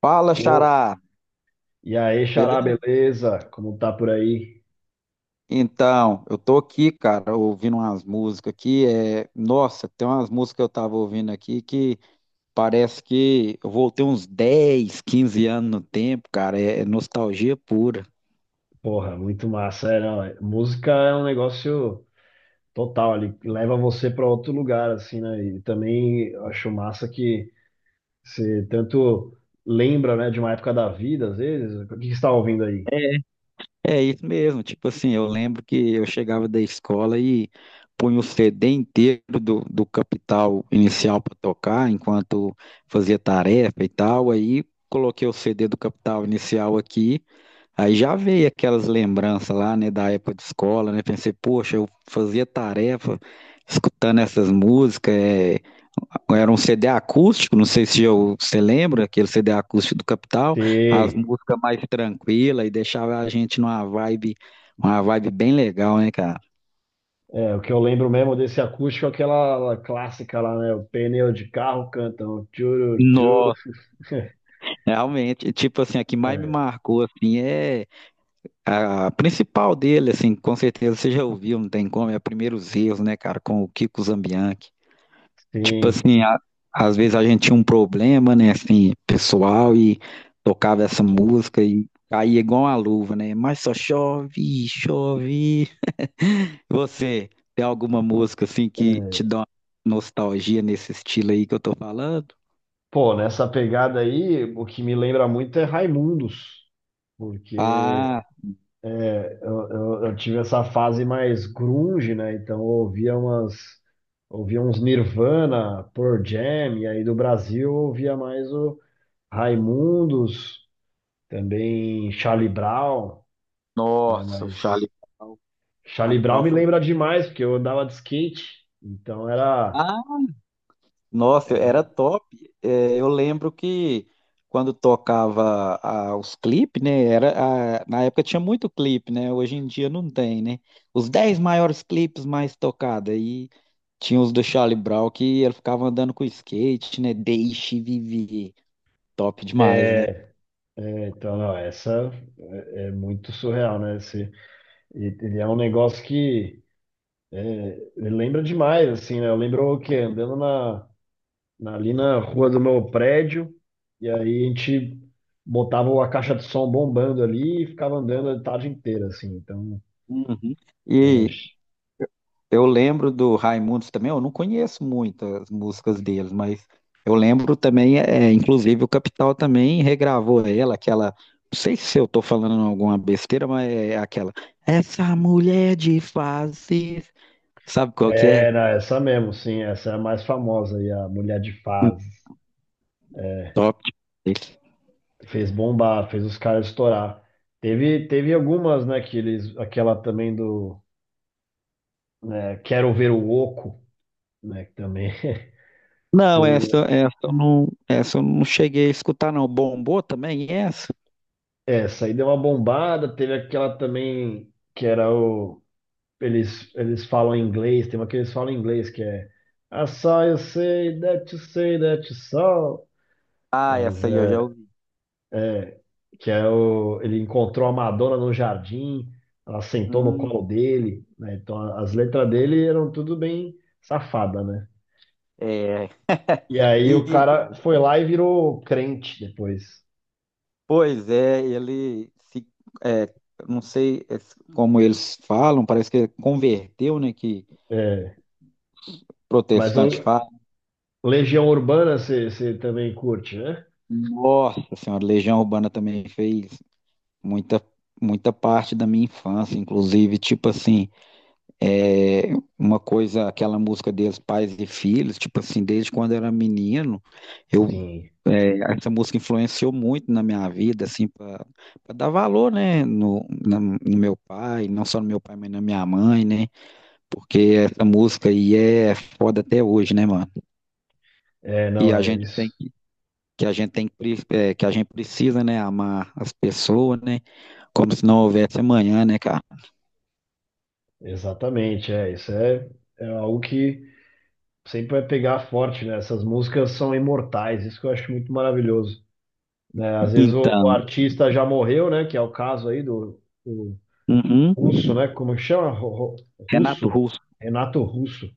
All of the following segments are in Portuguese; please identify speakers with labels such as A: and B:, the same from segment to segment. A: Fala,
B: Ô,
A: Xará,
B: e aí, Xará,
A: beleza?
B: beleza? Como tá por aí?
A: Então, eu tô aqui, cara, ouvindo umas músicas aqui. Nossa, tem umas músicas que eu tava ouvindo aqui que parece que eu voltei uns 10, 15 anos no tempo, cara. É nostalgia pura.
B: Porra, muito massa, é, não, é- música é um negócio total, ele leva você para outro lugar, assim, né? E também eu acho massa que você tanto lembra, né, de uma época da vida, às vezes. O que que você está ouvindo aí?
A: É é isso mesmo, tipo assim, eu lembro que eu chegava da escola e punha o CD inteiro do Capital Inicial pra tocar enquanto fazia tarefa e tal. Aí coloquei o CD do Capital Inicial aqui. Aí já veio aquelas lembranças lá, né, da época de escola, né? Pensei, poxa, eu fazia tarefa escutando essas músicas. Era um CD acústico, não sei se eu, você lembra, aquele CD acústico do Capital, as
B: Sei.
A: músicas mais tranquilas e deixava a gente numa vibe, uma vibe bem legal, né, cara?
B: É, o que eu lembro mesmo desse acústico é aquela clássica lá, né? O pneu de carro cantam. Tchuru, tchuru.
A: Nossa, realmente, tipo assim, a que mais me
B: É,
A: marcou, assim, é a principal dele, assim, com certeza você já ouviu, não tem como, é Primeiros Erros, né, cara, com o Kiko Zambianchi. Tipo
B: sim.
A: assim, às vezes a gente tinha um problema, né, assim, pessoal, e tocava essa música e caía igual uma luva, né? Mas só chove, chove. Você tem alguma música assim que te
B: É.
A: dá uma nostalgia nesse estilo aí que eu tô falando?
B: Pô, nessa pegada aí, o que me lembra muito é Raimundos, porque
A: Ah,
B: eu tive essa fase mais grunge, né? Então eu ouvia umas, ouvia uns Nirvana, Pearl Jam, e aí do Brasil eu ouvia mais o Raimundos, também Charlie Brown, né?
A: nossa, o
B: Mas
A: Charlie Brown.
B: Charlie
A: Charlie
B: Brown
A: Brown
B: me
A: foi.
B: lembra demais, porque eu andava de skate, então era.
A: Nossa, era top. É, eu lembro que quando tocava os clipes, né? Era, na época tinha muito clipe, né? Hoje em dia não tem, né? Os 10 maiores clipes mais tocados. Aí tinha os do Charlie Brown que ele ficava andando com skate, né? Deixe viver. Top demais, né?
B: é, então, não, essa é muito surreal, né? E é um negócio que lembra demais, assim, né? Eu lembro que andando na, ali na rua do meu prédio, e aí a gente botava a caixa de som bombando ali e ficava andando a tarde inteira, assim. Então,
A: Uhum.
B: é,
A: E Eu lembro do Raimundos também, eu não conheço muitas músicas deles, mas eu lembro também, é, inclusive o Capital também regravou ela, aquela, não sei se eu tô falando alguma besteira, mas é aquela, essa mulher de fases, sabe qual que é?
B: era essa mesmo, sim, essa é a mais famosa, e a Mulher de Fases.
A: Top.
B: Fez bombar, fez os caras estourar. Teve algumas, né, que eles, aquela também do, né, Quero Ver o Oco, né, que também
A: Não, essa, essa eu não cheguei a escutar não, bombou também essa?
B: Essa aí deu uma bombada, teve aquela também que era o. Eles falam em inglês, tem uma que eles falam em inglês que é I saw you say that you say that you saw.
A: Ah,
B: Mas
A: essa aí eu já
B: é
A: ouvi.
B: que é o. Ele encontrou a Madonna no jardim, ela sentou no colo
A: Hum,
B: dele, né? Então as letras dele eram tudo bem safada, né?
A: é.
B: E aí o
A: E
B: cara foi lá e virou crente depois.
A: Pois é, é, não sei como eles falam, parece que ele converteu, né? Que
B: É, mas o
A: protestante fala.
B: Legião Urbana você também curte, né?
A: Nossa Senhora, Legião Urbana também fez muita, muita parte da minha infância, inclusive, tipo assim, é, uma coisa, aquela música deles, Pais e Filhos, tipo assim, desde quando eu era menino, eu,
B: Sim.
A: essa música influenciou muito na minha vida, assim, para dar valor, né, no, no meu pai, não só no meu pai, mas na minha mãe, né? Porque essa música aí é foda até hoje, né, mano?
B: É,
A: E
B: não,
A: a
B: é
A: gente tem
B: isso.
A: que a gente tem que, que a gente precisa, né, amar as pessoas, né? Como se não houvesse amanhã, né, cara?
B: Exatamente, é. Isso é algo que sempre vai pegar forte, né? Essas músicas são imortais, isso que eu acho muito maravilhoso, né? Às vezes o
A: Então,
B: artista já morreu, né? Que é o caso aí do
A: uhum.
B: Russo, né? Como que chama?
A: Renato
B: Russo?
A: Russo.
B: Renato Russo,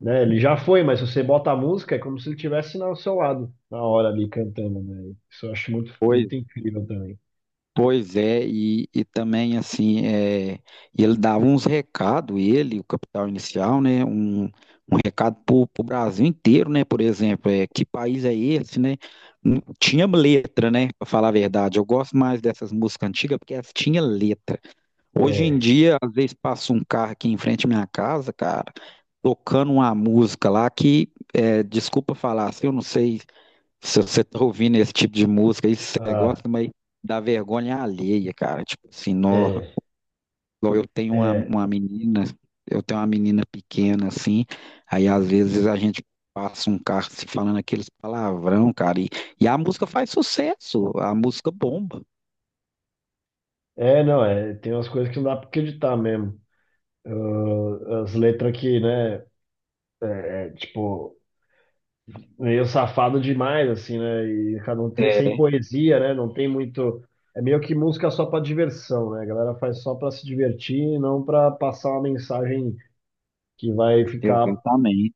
B: né? Ele já foi, mas se você bota a música, é como se ele estivesse ao seu lado, na hora ali cantando, né? Isso eu acho muito,
A: pois.
B: muito incrível também.
A: Pois é, e também assim, é, ele dava uns recados, ele, o Capital Inicial, né? Um recado para o Brasil inteiro, né? Por exemplo, é, que país é esse, né? Tinha letra, né? Para falar a verdade, eu gosto mais dessas músicas antigas porque elas tinham letra. Hoje em
B: É,
A: dia, às vezes passa um carro aqui em frente à minha casa, cara, tocando uma música lá que, é, desculpa falar, assim, eu não sei se você tá ouvindo esse tipo de música, isso você
B: ah,
A: gosta, mas dá vergonha alheia, cara. Tipo assim, nó,
B: é,
A: igual eu tenho uma,
B: é.
A: uma menina, eu tenho uma menina pequena assim, aí às vezes a gente passa um carro se falando aqueles palavrão, cara, e a música faz sucesso, a música bomba.
B: É, não, tem umas coisas que não dá pra acreditar mesmo. Ah, as letras que, né, é, tipo, meio safado demais, assim, né, e cada um tem, sem poesia, né, não tem muito. É meio que música só pra diversão, né, a galera faz só pra se divertir e não pra passar uma mensagem que vai ficar
A: Exatamente.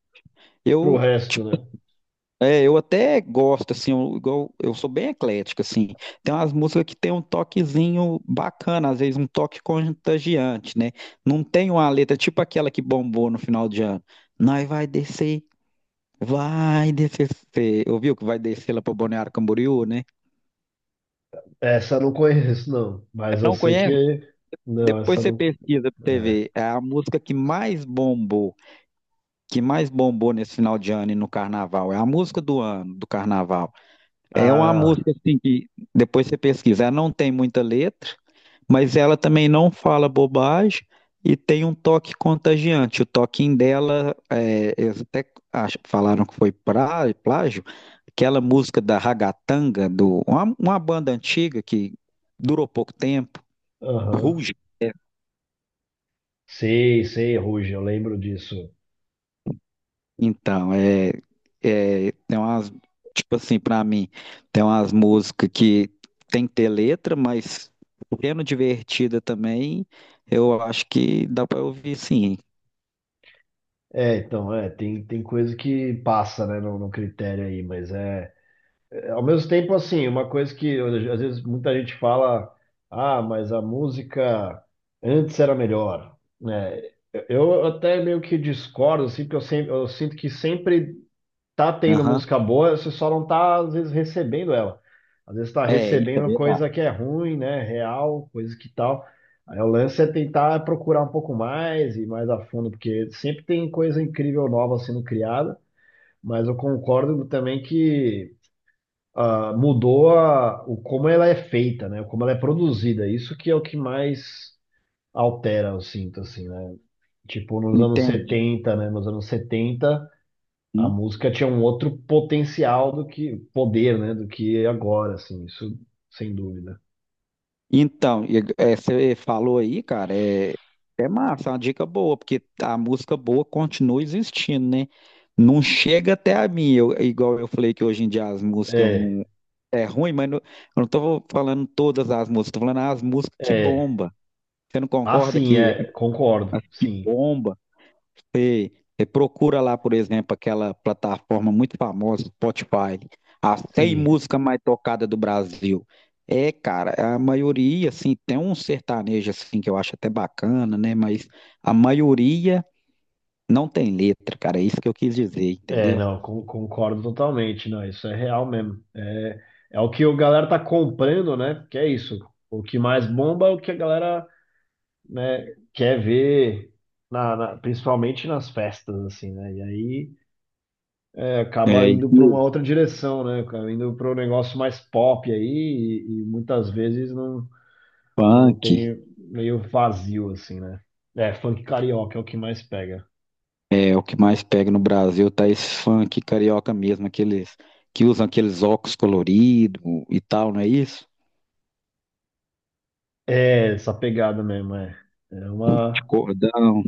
B: pro
A: Eu
B: resto, né.
A: É, eu até gosto, assim, eu, eu sou bem eclético, assim. Tem umas músicas que tem um toquezinho bacana, às vezes um toque contagiante, né? Não tem uma letra tipo aquela que bombou no final de ano. Nós vai descer, vai descer. Você ouviu que vai descer lá para Balneário Camboriú, né?
B: Essa eu não conheço, não, mas eu
A: Não
B: sei que.
A: conhece?
B: Não, essa
A: Depois
B: eu
A: você pesquisa pra
B: não.
A: você
B: É.
A: ver. É a música que mais bombou nesse final de ano e no carnaval. É a música do ano, do carnaval. É uma
B: Ah,
A: música assim que depois você pesquisar, não tem muita letra, mas ela também não fala bobagem e tem um toque contagiante. O toquinho dela, é, eles até falaram que foi plágio, aquela música da Ragatanga, uma banda antiga que durou pouco tempo.
B: aham. Sei, sei, Ruge, eu lembro disso.
A: Então, tem umas, tipo assim, pra mim, tem umas músicas que tem que ter letra, mas sendo divertida também, eu acho que dá pra ouvir sim.
B: É, então, é, tem coisa que passa, né, no critério aí, mas ao mesmo tempo, assim, uma coisa que às vezes muita gente fala, ah, mas a música antes era melhor, né, eu eu até meio que discordo, assim, porque eu, sempre, eu sinto que sempre tá tendo
A: Aham.
B: música boa, você só não tá, às vezes, recebendo ela. Às vezes tá
A: É, isso é
B: recebendo
A: verdade.
B: coisa que é ruim, né? Real, coisa que tal. Aí o lance é tentar procurar um pouco mais e mais a fundo, porque sempre tem coisa incrível nova sendo criada, mas eu concordo também que ah, mudou o como ela é feita, né? Como ela é produzida. Isso que é o que mais altera, eu sinto, assim, né? Tipo, nos anos
A: Entende?
B: setenta né? Nos anos 70 a música tinha um outro potencial do que poder, né? Do que agora, assim, isso sem dúvida.
A: Então, você falou aí, cara, é, é massa, é uma dica boa, porque a música boa continua existindo, né? Não chega até a mim, igual eu falei que hoje em dia as músicas eu
B: É,
A: não, é ruim, mas não, eu não tô falando todas as músicas, tô falando as músicas que
B: é.
A: bomba. Você não
B: Ah,
A: concorda
B: sim, é, concordo.
A: que
B: Sim,
A: bomba? Você, você procura lá, por exemplo, aquela plataforma muito famosa, Spotify, as 100
B: sim.
A: músicas mais tocadas do Brasil. É, cara, a maioria, assim, tem um sertanejo, assim, que eu acho até bacana, né? Mas a maioria não tem letra, cara. É isso que eu quis dizer,
B: É,
A: entendeu?
B: não, concordo totalmente. Não, isso é real mesmo. É o que a galera tá comprando, né? Porque é isso. O que mais bomba é o que a galera, né, quer ver, na, principalmente nas festas, assim, né? E aí, acaba
A: É, isso
B: indo para uma
A: mesmo.
B: outra direção, né? Acaba indo para um negócio mais pop aí e muitas vezes não, não
A: Funk,
B: tem meio vazio assim, né? É, funk carioca é o que mais pega.
A: é o que mais pega no Brasil, tá esse funk carioca mesmo, aqueles que usam aqueles óculos coloridos e tal, não é isso?
B: É, essa pegada mesmo, é. É
A: De
B: uma.
A: cordão.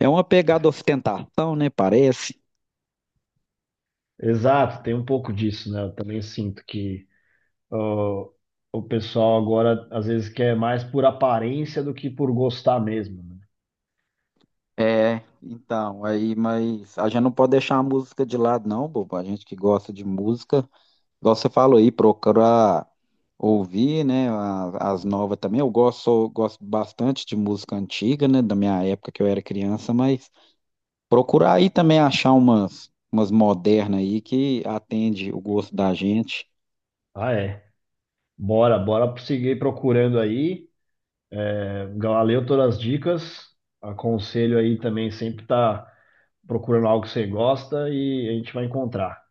A: É uma pegada ostentação, né? Parece.
B: Exato, tem um pouco disso, né? Eu também sinto que ó, o pessoal agora às vezes quer mais por aparência do que por gostar mesmo, né?
A: É, então, aí, mas a gente não pode deixar a música de lado, não, bobo. A gente que gosta de música, igual você falou aí, procurar ouvir, né, as, novas também. Eu gosto, gosto bastante de música antiga, né, da minha época que eu era criança, mas procurar aí também achar umas, modernas aí que atende o gosto da gente.
B: Ah, é. Bora, bora seguir procurando aí. É, Galileu, todas as dicas. Aconselho aí também sempre tá procurando algo que você gosta e a gente vai encontrar.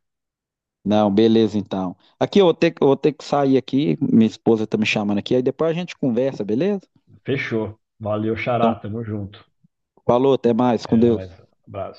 A: Não, beleza, então. Aqui eu vou ter, eu vou ter que sair aqui, minha esposa tá me chamando aqui, aí depois a gente conversa, beleza?
B: Fechou. Valeu, Xará. Tamo junto.
A: Falou, até mais,
B: É
A: com
B: nóis.
A: Deus.
B: Abraço.